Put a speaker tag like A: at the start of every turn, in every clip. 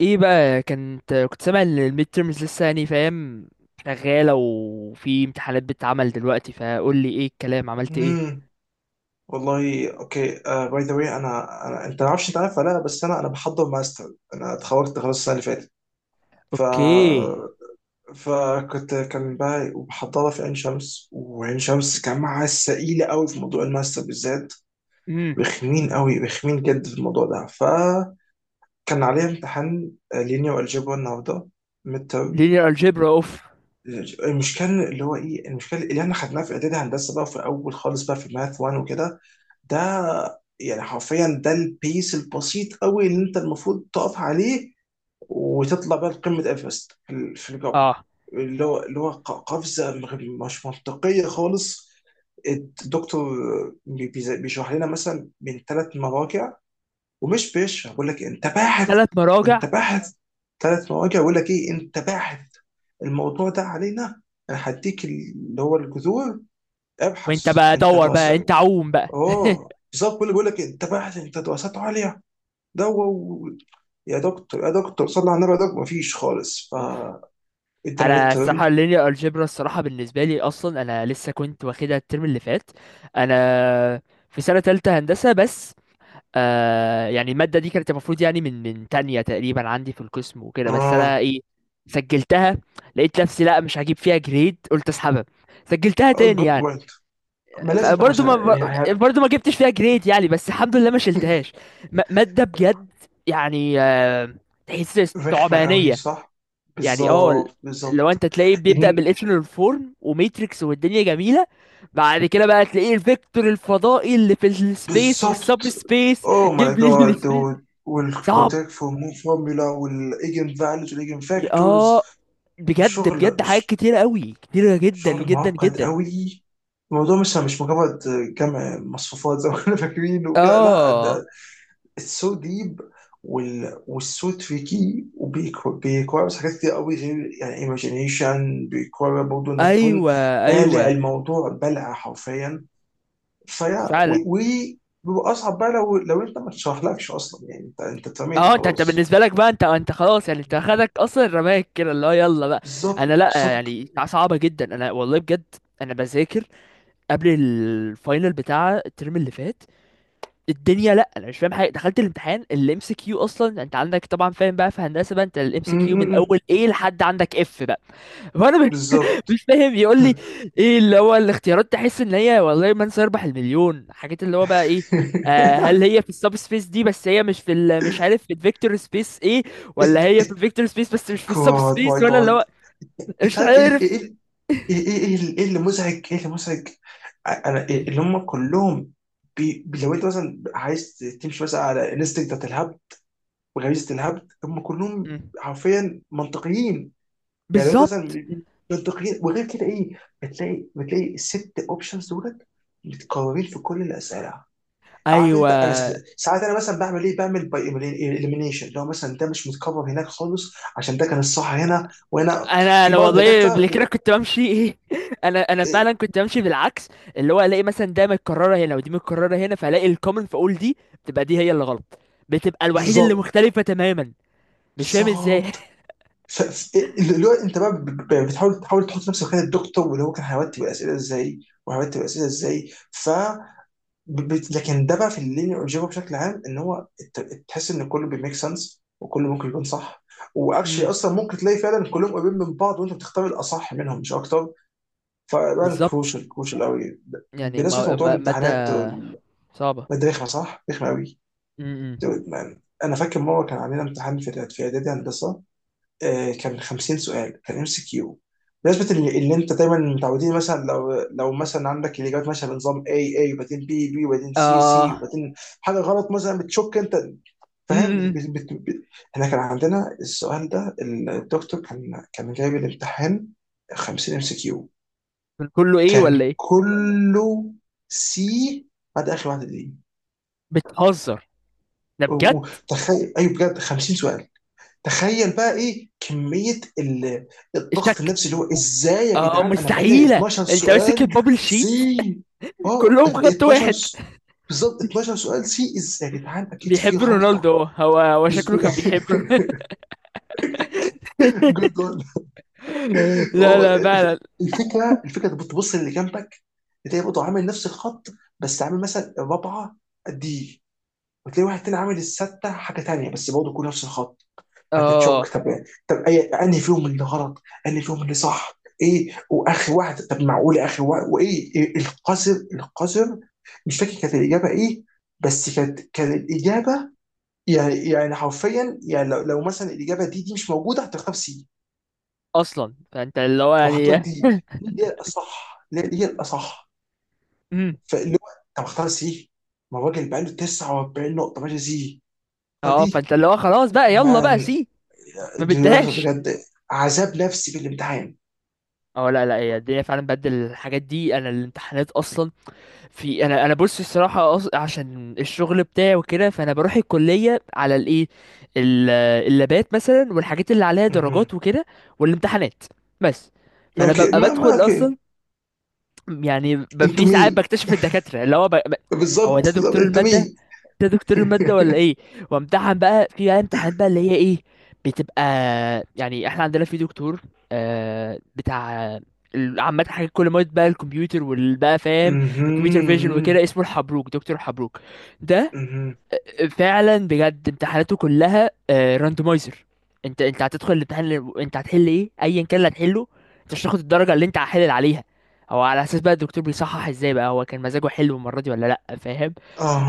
A: ايه بقى كنت سامع ان الميد تيرمز لسه يعني فاهم شغاله وفي امتحانات بتتعمل دلوقتي؟ فقول لي ايه الكلام، عملت ايه؟
B: امم والله، اوكي. باي ذا واي، انا انت ما اعرفش انت عارف ولا لا، بس انا بحضر ماستر، انا اتخرجت خلاص السنه اللي فاتت. ف
A: اوكي.
B: فكنت كان بقى وبحضرها في عين شمس، وعين شمس جامعه ثقيله قوي في موضوع الماستر بالذات،
A: امم
B: رخمين قوي، رخمين جد في الموضوع ده. فكان عليا امتحان لينيا والجبر النهارده، ميد
A: لينير الجبرا اوف.
B: المشكله اللي هو ايه المشكله اللي احنا خدناها في اعدادي هندسه بقى، في اول خالص بقى، في ماث 1 وكده. ده يعني حرفيا ده البيس البسيط قوي اللي انت المفروض تقف عليه وتطلع بقى لقمه ايفرست في الجبر،
A: اه،
B: اللي هو اللي هو قفزه مش منطقيه خالص. الدكتور بيشرح لنا مثلا من ثلاث مراجع، ومش بيشرح. بقول لك إيه، انت باحث،
A: ثلاث
B: انت
A: مراجع.
B: باحث. ثلاث مواجع. بقول لك ايه، انت باحث، الموضوع ده علينا، انا هديك اللي هو الجذور،
A: وانت
B: ابحث
A: بقى
B: انت
A: دور بقى، انت
B: دراسات.
A: عوم بقى.
B: اه بالظبط، كل بيقول لك إيه، انت باحث، انت دراسات عليا. ده و... يا دكتور، يا دكتور، صلى على النبي يا دكتور، مفيش خالص.
A: اوف.
B: فانت انا ميد
A: انا الصراحه
B: ترم.
A: اللينير الجبرا الصراحه بالنسبه لي اصلا انا لسه كنت واخدها الترم اللي فات. انا في سنه تالتة هندسه بس. يعني المادة دي كانت المفروض يعني من تانية تقريبا عندي في القسم وكده، بس أنا
B: اه،
A: إيه، سجلتها. لقيت نفسي لا مش هجيب فيها جريد، قلت أسحبها. سجلتها تاني
B: جود
A: يعني.
B: بوينت، ما لازم تبقى
A: فبرضه
B: عشان
A: ما
B: يعني.
A: برضه ما جبتش فيها جريد يعني، بس الحمد لله ما شلتهاش. مادة بجد يعني، تحس
B: رخمه قوي،
A: استعبانية.
B: صح.
A: يعني
B: بالظبط،
A: لو
B: بالظبط،
A: انت تلاقيه بيبدأ بالإشلون فورم وميتريكس والدنيا جميلة، بعد كده بقى تلاقيه الفيكتور الفضائي اللي في السبيس والسب
B: بالظبط.
A: سبيس.
B: اوه ماي
A: جيب لي،
B: جاد دود،
A: صعب.
B: والكوتاك فورمولا، والايجن فاليوز والايجن فاكتورز.
A: اه بجد
B: شغل
A: بجد، حاجات
B: ش-
A: كتيرة قوي، كتيرة جدا
B: شغل
A: جدا
B: معقد
A: جدا.
B: قوي. الموضوع مش مجرد جمع مصفوفات زي ما احنا فاكرين وكده، لا
A: اه
B: ده اتس سو ديب، والسو تريكي، وبيكويرز حاجات كتير قوي، غير يعني ايماجينيشن بيكوير برضه انك تكون
A: ايوه،
B: بالع
A: ايوه
B: الموضوع بلع حرفيا فيا
A: فعلا.
B: بيبقى اصعب بقى لو انت ما تشرحلكش اصلا، يعني انت اترميت
A: اه، انت
B: وخلاص.
A: بالنسبه لك بقى، انت خلاص يعني، انت
B: مم.
A: خدك اصلا رماك كده اللي هو يلا بقى.
B: بالظبط،
A: انا لا،
B: بالظبط.
A: يعني صعبه جدا، انا والله بجد. انا بذاكر قبل الفاينل بتاع الترم اللي فات الدنيا، لا انا مش فاهم حاجه. دخلت الامتحان الام سي كيو اصلا، انت عندك طبعا فاهم بقى في هندسه بقى، انت الام
B: مم،
A: سي كيو
B: مم،
A: من
B: مم.
A: اول ايه لحد عندك اف بقى. وانا
B: بالظبط.
A: مش فاهم، يقول لي ايه اللي هو الاختيارات، تحس ان هي والله من سيربح المليون، حاجات اللي هو بقى ايه، هل هي في السب سبيس دي بس هي مش في مش عارف في الفيكتور سبيس ايه، ولا هي في الفيكتور سبيس بس مش في السب
B: جاد
A: سبيس،
B: ماي
A: ولا اللي
B: جاد.
A: هو
B: انت
A: مش
B: عارف ايه،
A: عارف
B: ايه، ايه، ايه؟ ايه اللي إيه اللي مزعج ايه اللي مزعج؟ انا
A: ايه.
B: إيه اللي هم كلهم؟ لو انت مثلا عايز تمشي مثلا على انستنكت بتاعت الهبد وغريزه الهبد، هم كلهم
A: مم.
B: حرفيا منطقيين. يعني هو مثلا
A: بالظبط.
B: بيبقى منطقيين، وغير كده ايه، بتلاقي الست اوبشنز دولت متكررين في كل الاسئله. عارف
A: ايوه،
B: انت، انا ساعات انا مثلا بعمل ايه، بعمل باي اليمينيشن، لو مثلا ده مش متكرر هناك خالص عشان ده كان الصح هنا وهنا.
A: انا
B: في
A: انا
B: بعض
A: والله قبل
B: الدكاتره
A: كده كنت بمشي ايه انا فعلا كنت بمشي بالعكس. اللي هو الاقي مثلا ده متكرره هنا ودي متكرره هنا، فالاقي الكومن فاقول دي بتبقى دي هي اللي غلط، بتبقى الوحيده اللي
B: بالظبط،
A: مختلفه تماما. مش فاهم ازاي
B: بالظبط. ف- ف- اللي هو انت بقى بتحاول تحط نفسك مكان الدكتور، واللي هو كان هيرتب الاسئله ازاي وهيرتب الاسئله ازاي. لكن ده بقى في اللينير الجبر بشكل عام، ان هو تحس ان كله بيميك سنس وكله ممكن يكون صح. واكشلي
A: امم
B: اصلا ممكن تلاقي فعلا كلهم قريبين من بعض، وانت بتختار الاصح منهم مش اكتر. فبقى
A: بالظبط.
B: كروشال، كروشال قوي.
A: يعني
B: بالنسبه
A: ما
B: لموضوع
A: ما مادة
B: الامتحانات
A: صعبة.
B: ده رخمه صح؟ رخمه قوي.
A: امم
B: انا فاكر مره كان عندنا امتحان في اعدادي هندسه. كان 50 سؤال، كان ام سي كيو. بالنسبه اللي انت دايما متعودين، مثلا لو مثلا عندك الاجابات ماشيه بنظام اي اي وبعدين بي بي وبعدين سي سي
A: اه.
B: وبعدين حاجه غلط مثلا، بتشك انت فاهم
A: امم
B: احنا كان عندنا السؤال ده، الدكتور كان جايب الامتحان 50 ام سي كيو،
A: من كله ايه ولا
B: كان
A: ايه؟
B: كله سي بعد اخر واحده دي.
A: بتهزر؟ ده بجد؟
B: وتخيل، ايوه بجد، 50 سؤال. تخيل بقى ايه كمية الضغط
A: شك.
B: النفسي، اللي هو ازاي يا
A: اه
B: جدعان انا بقالي
A: مستحيلة،
B: 12
A: انت ماسك
B: سؤال
A: البابل شيت.
B: سي. اه
A: كلهم خط
B: 12
A: واحد.
B: بالظبط، 12 سؤال سي، ازاي يا جدعان، اكيد في
A: بيحب
B: غلطة.
A: رونالدو، هو هو هو
B: بس-
A: شكله كان
B: جد والله.
A: لا،
B: آه،
A: لا فعلا.
B: الفكرة، انت بتبص اللي جنبك، بتلاقي برضه عامل نفس الخط، بس عامل مثلا الرابعة دي، وتلاقي واحد تاني عامل الستة حاجة تانية، بس برضه كله نفس الخط. هتتشوك.
A: اه
B: طب اي انهي فيهم اللي غلط، انهي فيهم اللي صح، ايه واخر واحد، طب معقول اخر واحد، وايه، إيه القذر القذر. مش فاكر كانت الاجابه ايه، بس كانت الاجابه، يعني حرفيا يعني، لو مثلا الاجابه دي مش موجوده، هتختار سي،
A: اصلا فانت اللي هو
B: وحط لك
A: يعني.
B: دي اللي هي الاصح، اللي هي الاصح.
A: امم
B: فاللي هو، طب اختار سي، ما الراجل بقى له 49 نقطه ماشي سي،
A: اه،
B: فدي
A: فانت اللي هو خلاص بقى يلا بقى
B: مان.
A: سي. ما
B: دي
A: بدهاش.
B: بجد عذاب نفسي في الامتحان.
A: اه لا، لا هي الدنيا فعلا بدل الحاجات دي، انا الامتحانات اصلا في، انا بص الصراحه عشان الشغل بتاعي وكده، فانا بروح الكليه على الايه، ال- اللابات مثلا والحاجات اللي عليها درجات وكده، والامتحانات بس. فانا
B: اوكي،
A: ببقى
B: ما
A: بدخل
B: اوكي،
A: اصلا يعني،
B: انتوا
A: في ساعات
B: مين؟
A: بكتشف الدكاتره اللي هو هو ده
B: بالظبط، بالظبط،
A: دكتور
B: انتوا
A: الماده؟
B: مين؟
A: ده دكتور المادة ولا ايه؟ وامتحن بقى في بقى امتحانات بقى اللي هي ايه، بتبقى يعني احنا عندنا في دكتور، بتاع عامة حاجات كل ما بقى الكمبيوتر والبقى فاهم الكمبيوتر فيجن
B: مهم.
A: وكده، اسمه الحبروك، دكتور الحبروك ده.
B: مهم.
A: فعلا بجد امتحاناته كلها راندمايزر. انت هتدخل الامتحان انت هتحل ايه، ايا كان اللي هتحله، انت مش هتاخد الدرجه اللي انت هحلل عليها. هو على اساس بقى الدكتور بيصحح ازاي بقى، هو كان مزاجه حلو المره دي ولا لا، فاهم؟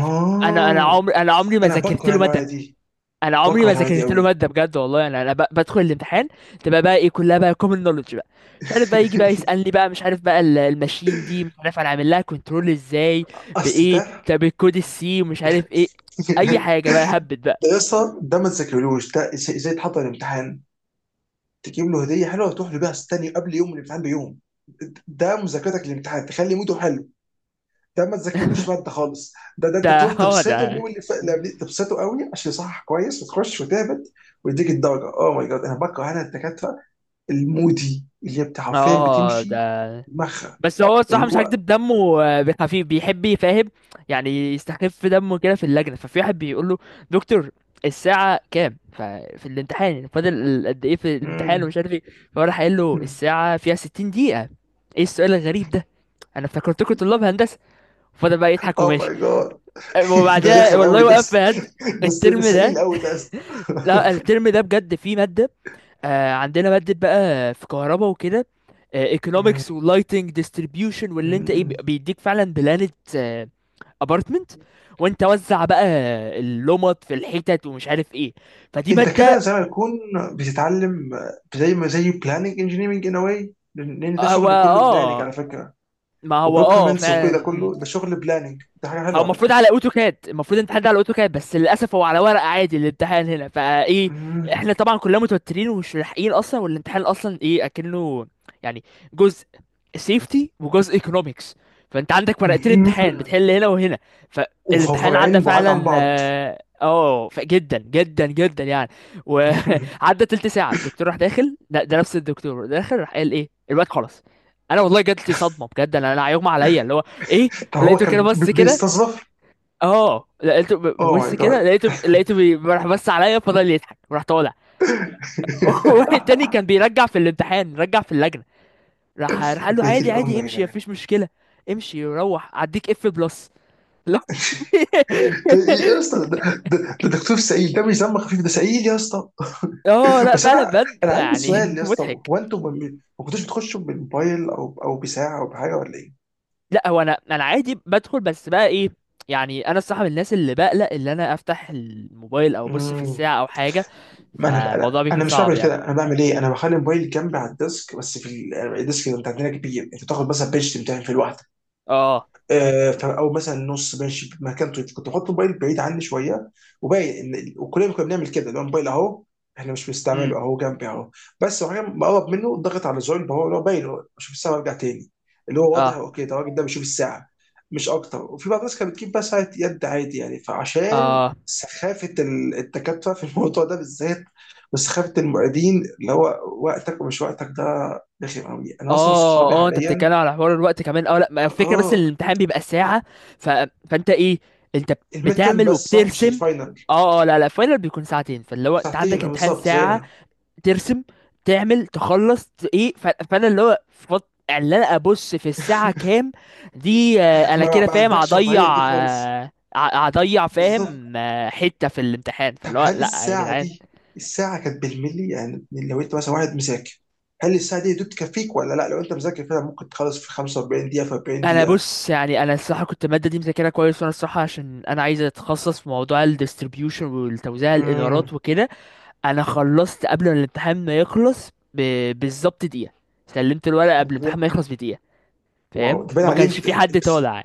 A: ف- انا عمري ما
B: انا
A: ذاكرت
B: بكره
A: له
B: النوعيه
A: ماده.
B: دي،
A: انا عمري
B: بكره
A: ما
B: النوعيه دي
A: ذاكرت له
B: قوي.
A: ماده بجد والله، يعني انا بدخل الامتحان تبقى بقى ايه كلها بقى كومن نولج بقى. مش عارف بقى يجي بقى يسالني بقى مش عارف بقى الماشين دي مش عارف انا عامل لها كنترول ازاي،
B: اصل
A: بايه،
B: ده.
A: طب الكود السي مش عارف ايه، اي حاجه بقى هبت بقى.
B: ده يسطا، ده ما تذاكرلوش، ده إزاي تحضر الامتحان؟ تجيب له هديه حلوه وتروح له بيها، تاني قبل يوم الامتحان بيوم، ده مذاكرتك للامتحان، تخلي موده حلو. ده ما تذاكرلوش ماده خالص. ده انت
A: ده
B: تروح
A: هو
B: تبسطه
A: ده.
B: اليوم اللي فات اللي قبليه، تبسطه قوي عشان يصحح كويس، وتخش وتهبط ويديك الدرجه. اوه ماي جاد. انا بكره انا الدكاتره المودي، اللي بتاع حرفيا
A: اه،
B: بتمشي
A: ده
B: دماغها،
A: بس هو
B: اللي
A: الصراحه مش
B: هو.
A: هكدب دمه خفيف بيحب يفهم. يعني يستخف دمه كده في اللجنه. ففي واحد بيقول له: دكتور، الساعه كام، ففي الامتحان فاضل قد ايه في الامتحان
B: مم،
A: ومش عارف ايه. فهو راح قايل له:
B: مم.
A: الساعه فيها 60 دقيقه. ايه السؤال الغريب ده، انا افتكرتكم طلاب هندسه. فضل بقى يضحك
B: اوه
A: وماشي.
B: ماي جاد. ده
A: وبعدها
B: رخم قوي،
A: والله وقف فهد
B: ده
A: الترم ده.
B: سئيل قوي ده أصلاً.
A: لا، الترم ده بجد فيه ماده، عندنا مادة بقى في كهرباء وكده،
B: مم.
A: ايكونومكس ولايتنج ديستريبيوشن، واللي انت ايه
B: مم.
A: بيديك فعلا بلانة ابارتمنت وانت وزع بقى اللمط في الحتت ومش عارف ايه. فدي
B: انت كده
A: مادة،
B: زي ما يكون بتتعلم، زي ما، بلاننج انجينيرنج ان واي، لان ده
A: هو
B: شغل كله بلاننج
A: اه،
B: على فكره،
A: ما هو اه
B: وبروكيومنتس، وكل ده
A: فعلا.
B: كله، ده شغل بلاننج، ده حاجه
A: هو
B: حلوه على فكره.
A: المفروض على اوتوكاد، المفروض الامتحان ده على اوتوكاد بس للاسف هو على ورق عادي الامتحان، هنا فايه
B: مم.
A: احنا طبعا كلنا متوترين ومش ملاحقين اصلا. والامتحان اصلا ايه اكنه يعني جزء سيفتي وجزء ايكونومكس، فانت عندك ورقتين
B: مم.
A: امتحان بتحل هنا وهنا. فالامتحان عدى
B: وفرعين بعاد عن
A: فعلا،
B: بعض.
A: جدا جدا جدا يعني. وعدى تلت ساعه الدكتور راح داخل، ده نفس الدكتور داخل راح قال ايه الوقت خلاص. انا والله جات لي صدمه بجد، انا هيغمى عليا اللي هو ايه.
B: فهو
A: فلقيته كده
B: كان
A: بس كده.
B: بيستظرف.
A: اه لقيته
B: اوه ماي
A: ببص كده،
B: جاد.
A: راح بص عليا فضل يضحك وراح طالع. واحد تاني كان بيرجع في الامتحان، رجع في اللجنه. راح قال له:
B: يا دي
A: عادي
B: الام
A: عادي،
B: يا
A: امشي،
B: جدعان.
A: مفيش مشكله، امشي روح اديك اف بلس. لا
B: إيه يا اسطى، ده دكتور سعيد، ده مش دم خفيف، ده سعيد يا اسطى.
A: اه لا
B: بس انا،
A: فعلا بجد
B: عندي
A: يعني
B: سؤال يا اسطى.
A: مضحك.
B: هو انتوا ما كنتوش بتخشوا بالموبايل او بساعه او بحاجه ولا
A: لا هو انا عادي بدخل بس بقى ايه، يعني انا الصراحه من الناس اللي بقلق ان انا افتح الموبايل او ابص في
B: ايه؟
A: الساعه او حاجه.
B: ما انا انا
A: فالموضوع بيكون
B: انا مش
A: صعب
B: بعمل كده،
A: يعني.
B: انا بعمل ايه، انا بخلي الموبايل جنبي على الديسك بس في الديسك اللي انت عندنا كبير، انت تاخد بس البيج بتاعي في الواحده.
A: اه.
B: او مثلا نص ماشي في مكانته، كنت بحط الموبايل بعيد عني شويه، وباقي وكلنا كنا بنعمل كده اللي هو، الموبايل اهو، احنا مش
A: امم
B: بنستعمله، اهو جنبي اهو. بس وبعدين بقرب منه، ضغط على زرار، اللي هو باين هو بشوف الساعه وارجع تاني، اللي هو واضح
A: اه.
B: اوكي ده الراجل ده بيشوف الساعه مش اكتر. وفي بعض الناس كانت بتجيب بقى ساعه يد عادي يعني، فعشان
A: اه.
B: سخافه الدكاتره في الموضوع ده بالذات، وسخافه المعيدين اللي هو وقتك ومش وقتك، ده رخم قوي. انا اصلا صحابي
A: اه اه، انت
B: حاليا.
A: بتتكلم على حوار الوقت كمان. اه لا، ما الفكره بس ان
B: اه،
A: الامتحان بيبقى ساعه. ف... فانت ايه انت
B: الميد ترم
A: بتعمل
B: بس صح، مش
A: وبترسم.
B: الفاينل.
A: اه اه لا، لا فاينل بيكون ساعتين. فاللي هو انت
B: ساعتين،
A: عندك امتحان
B: بالظبط
A: ساعه،
B: زينا.
A: ترسم تعمل تخلص ايه فانا اللي هو اللي انا ابص في الساعه كام دي، انا
B: ما,
A: كده
B: ما
A: فاهم
B: عندكش رفاهية دي
A: هضيع،
B: خالص،
A: هضيع
B: بالظبط.
A: فاهم حته في الامتحان،
B: طب
A: فاللي هو
B: هل
A: لا يا
B: الساعة
A: جدعان.
B: دي، الساعة كانت بالملي يعني، لو انت مثلا واحد مذاكر، هل الساعة دي يا دوب تكفيك ولا لا؟ لو انت مذاكر فعلا ممكن تخلص في 45 دقيقة، في 40
A: انا
B: دقيقة؟
A: بص يعني انا الصراحه كنت الماده دي مذاكرها كويس، وانا الصراحه عشان انا عايز اتخصص في موضوع الديستريبيوشن والتوزيع الادارات
B: امم
A: وكده، انا خلصت قبل ما الامتحان ما يخلص بالظبط دقيقه. سلمت الورقه قبل الامتحان ما
B: واو.
A: يخلص بدقيقه.
B: واو،
A: فاهم؟
B: ده باين
A: وما
B: عليه
A: كانش
B: امت...
A: في حد
B: بس-
A: طالع.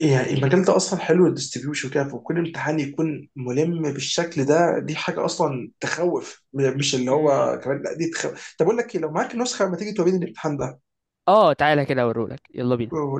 B: يعني
A: يعني كنت...
B: المجال ده اصلا حلو، الديستريبيوشن وكده، وكل امتحان يكون ملم بالشكل ده، دي حاجة اصلا تخوف، مش اللي
A: مم.
B: هو كمان، لا دي تخوف. طب اقول لك ايه، لو معاك نسخة ما تيجي توريني الامتحان ده؟
A: اه تعالى كده اوريهولك، يلا بينا.
B: هو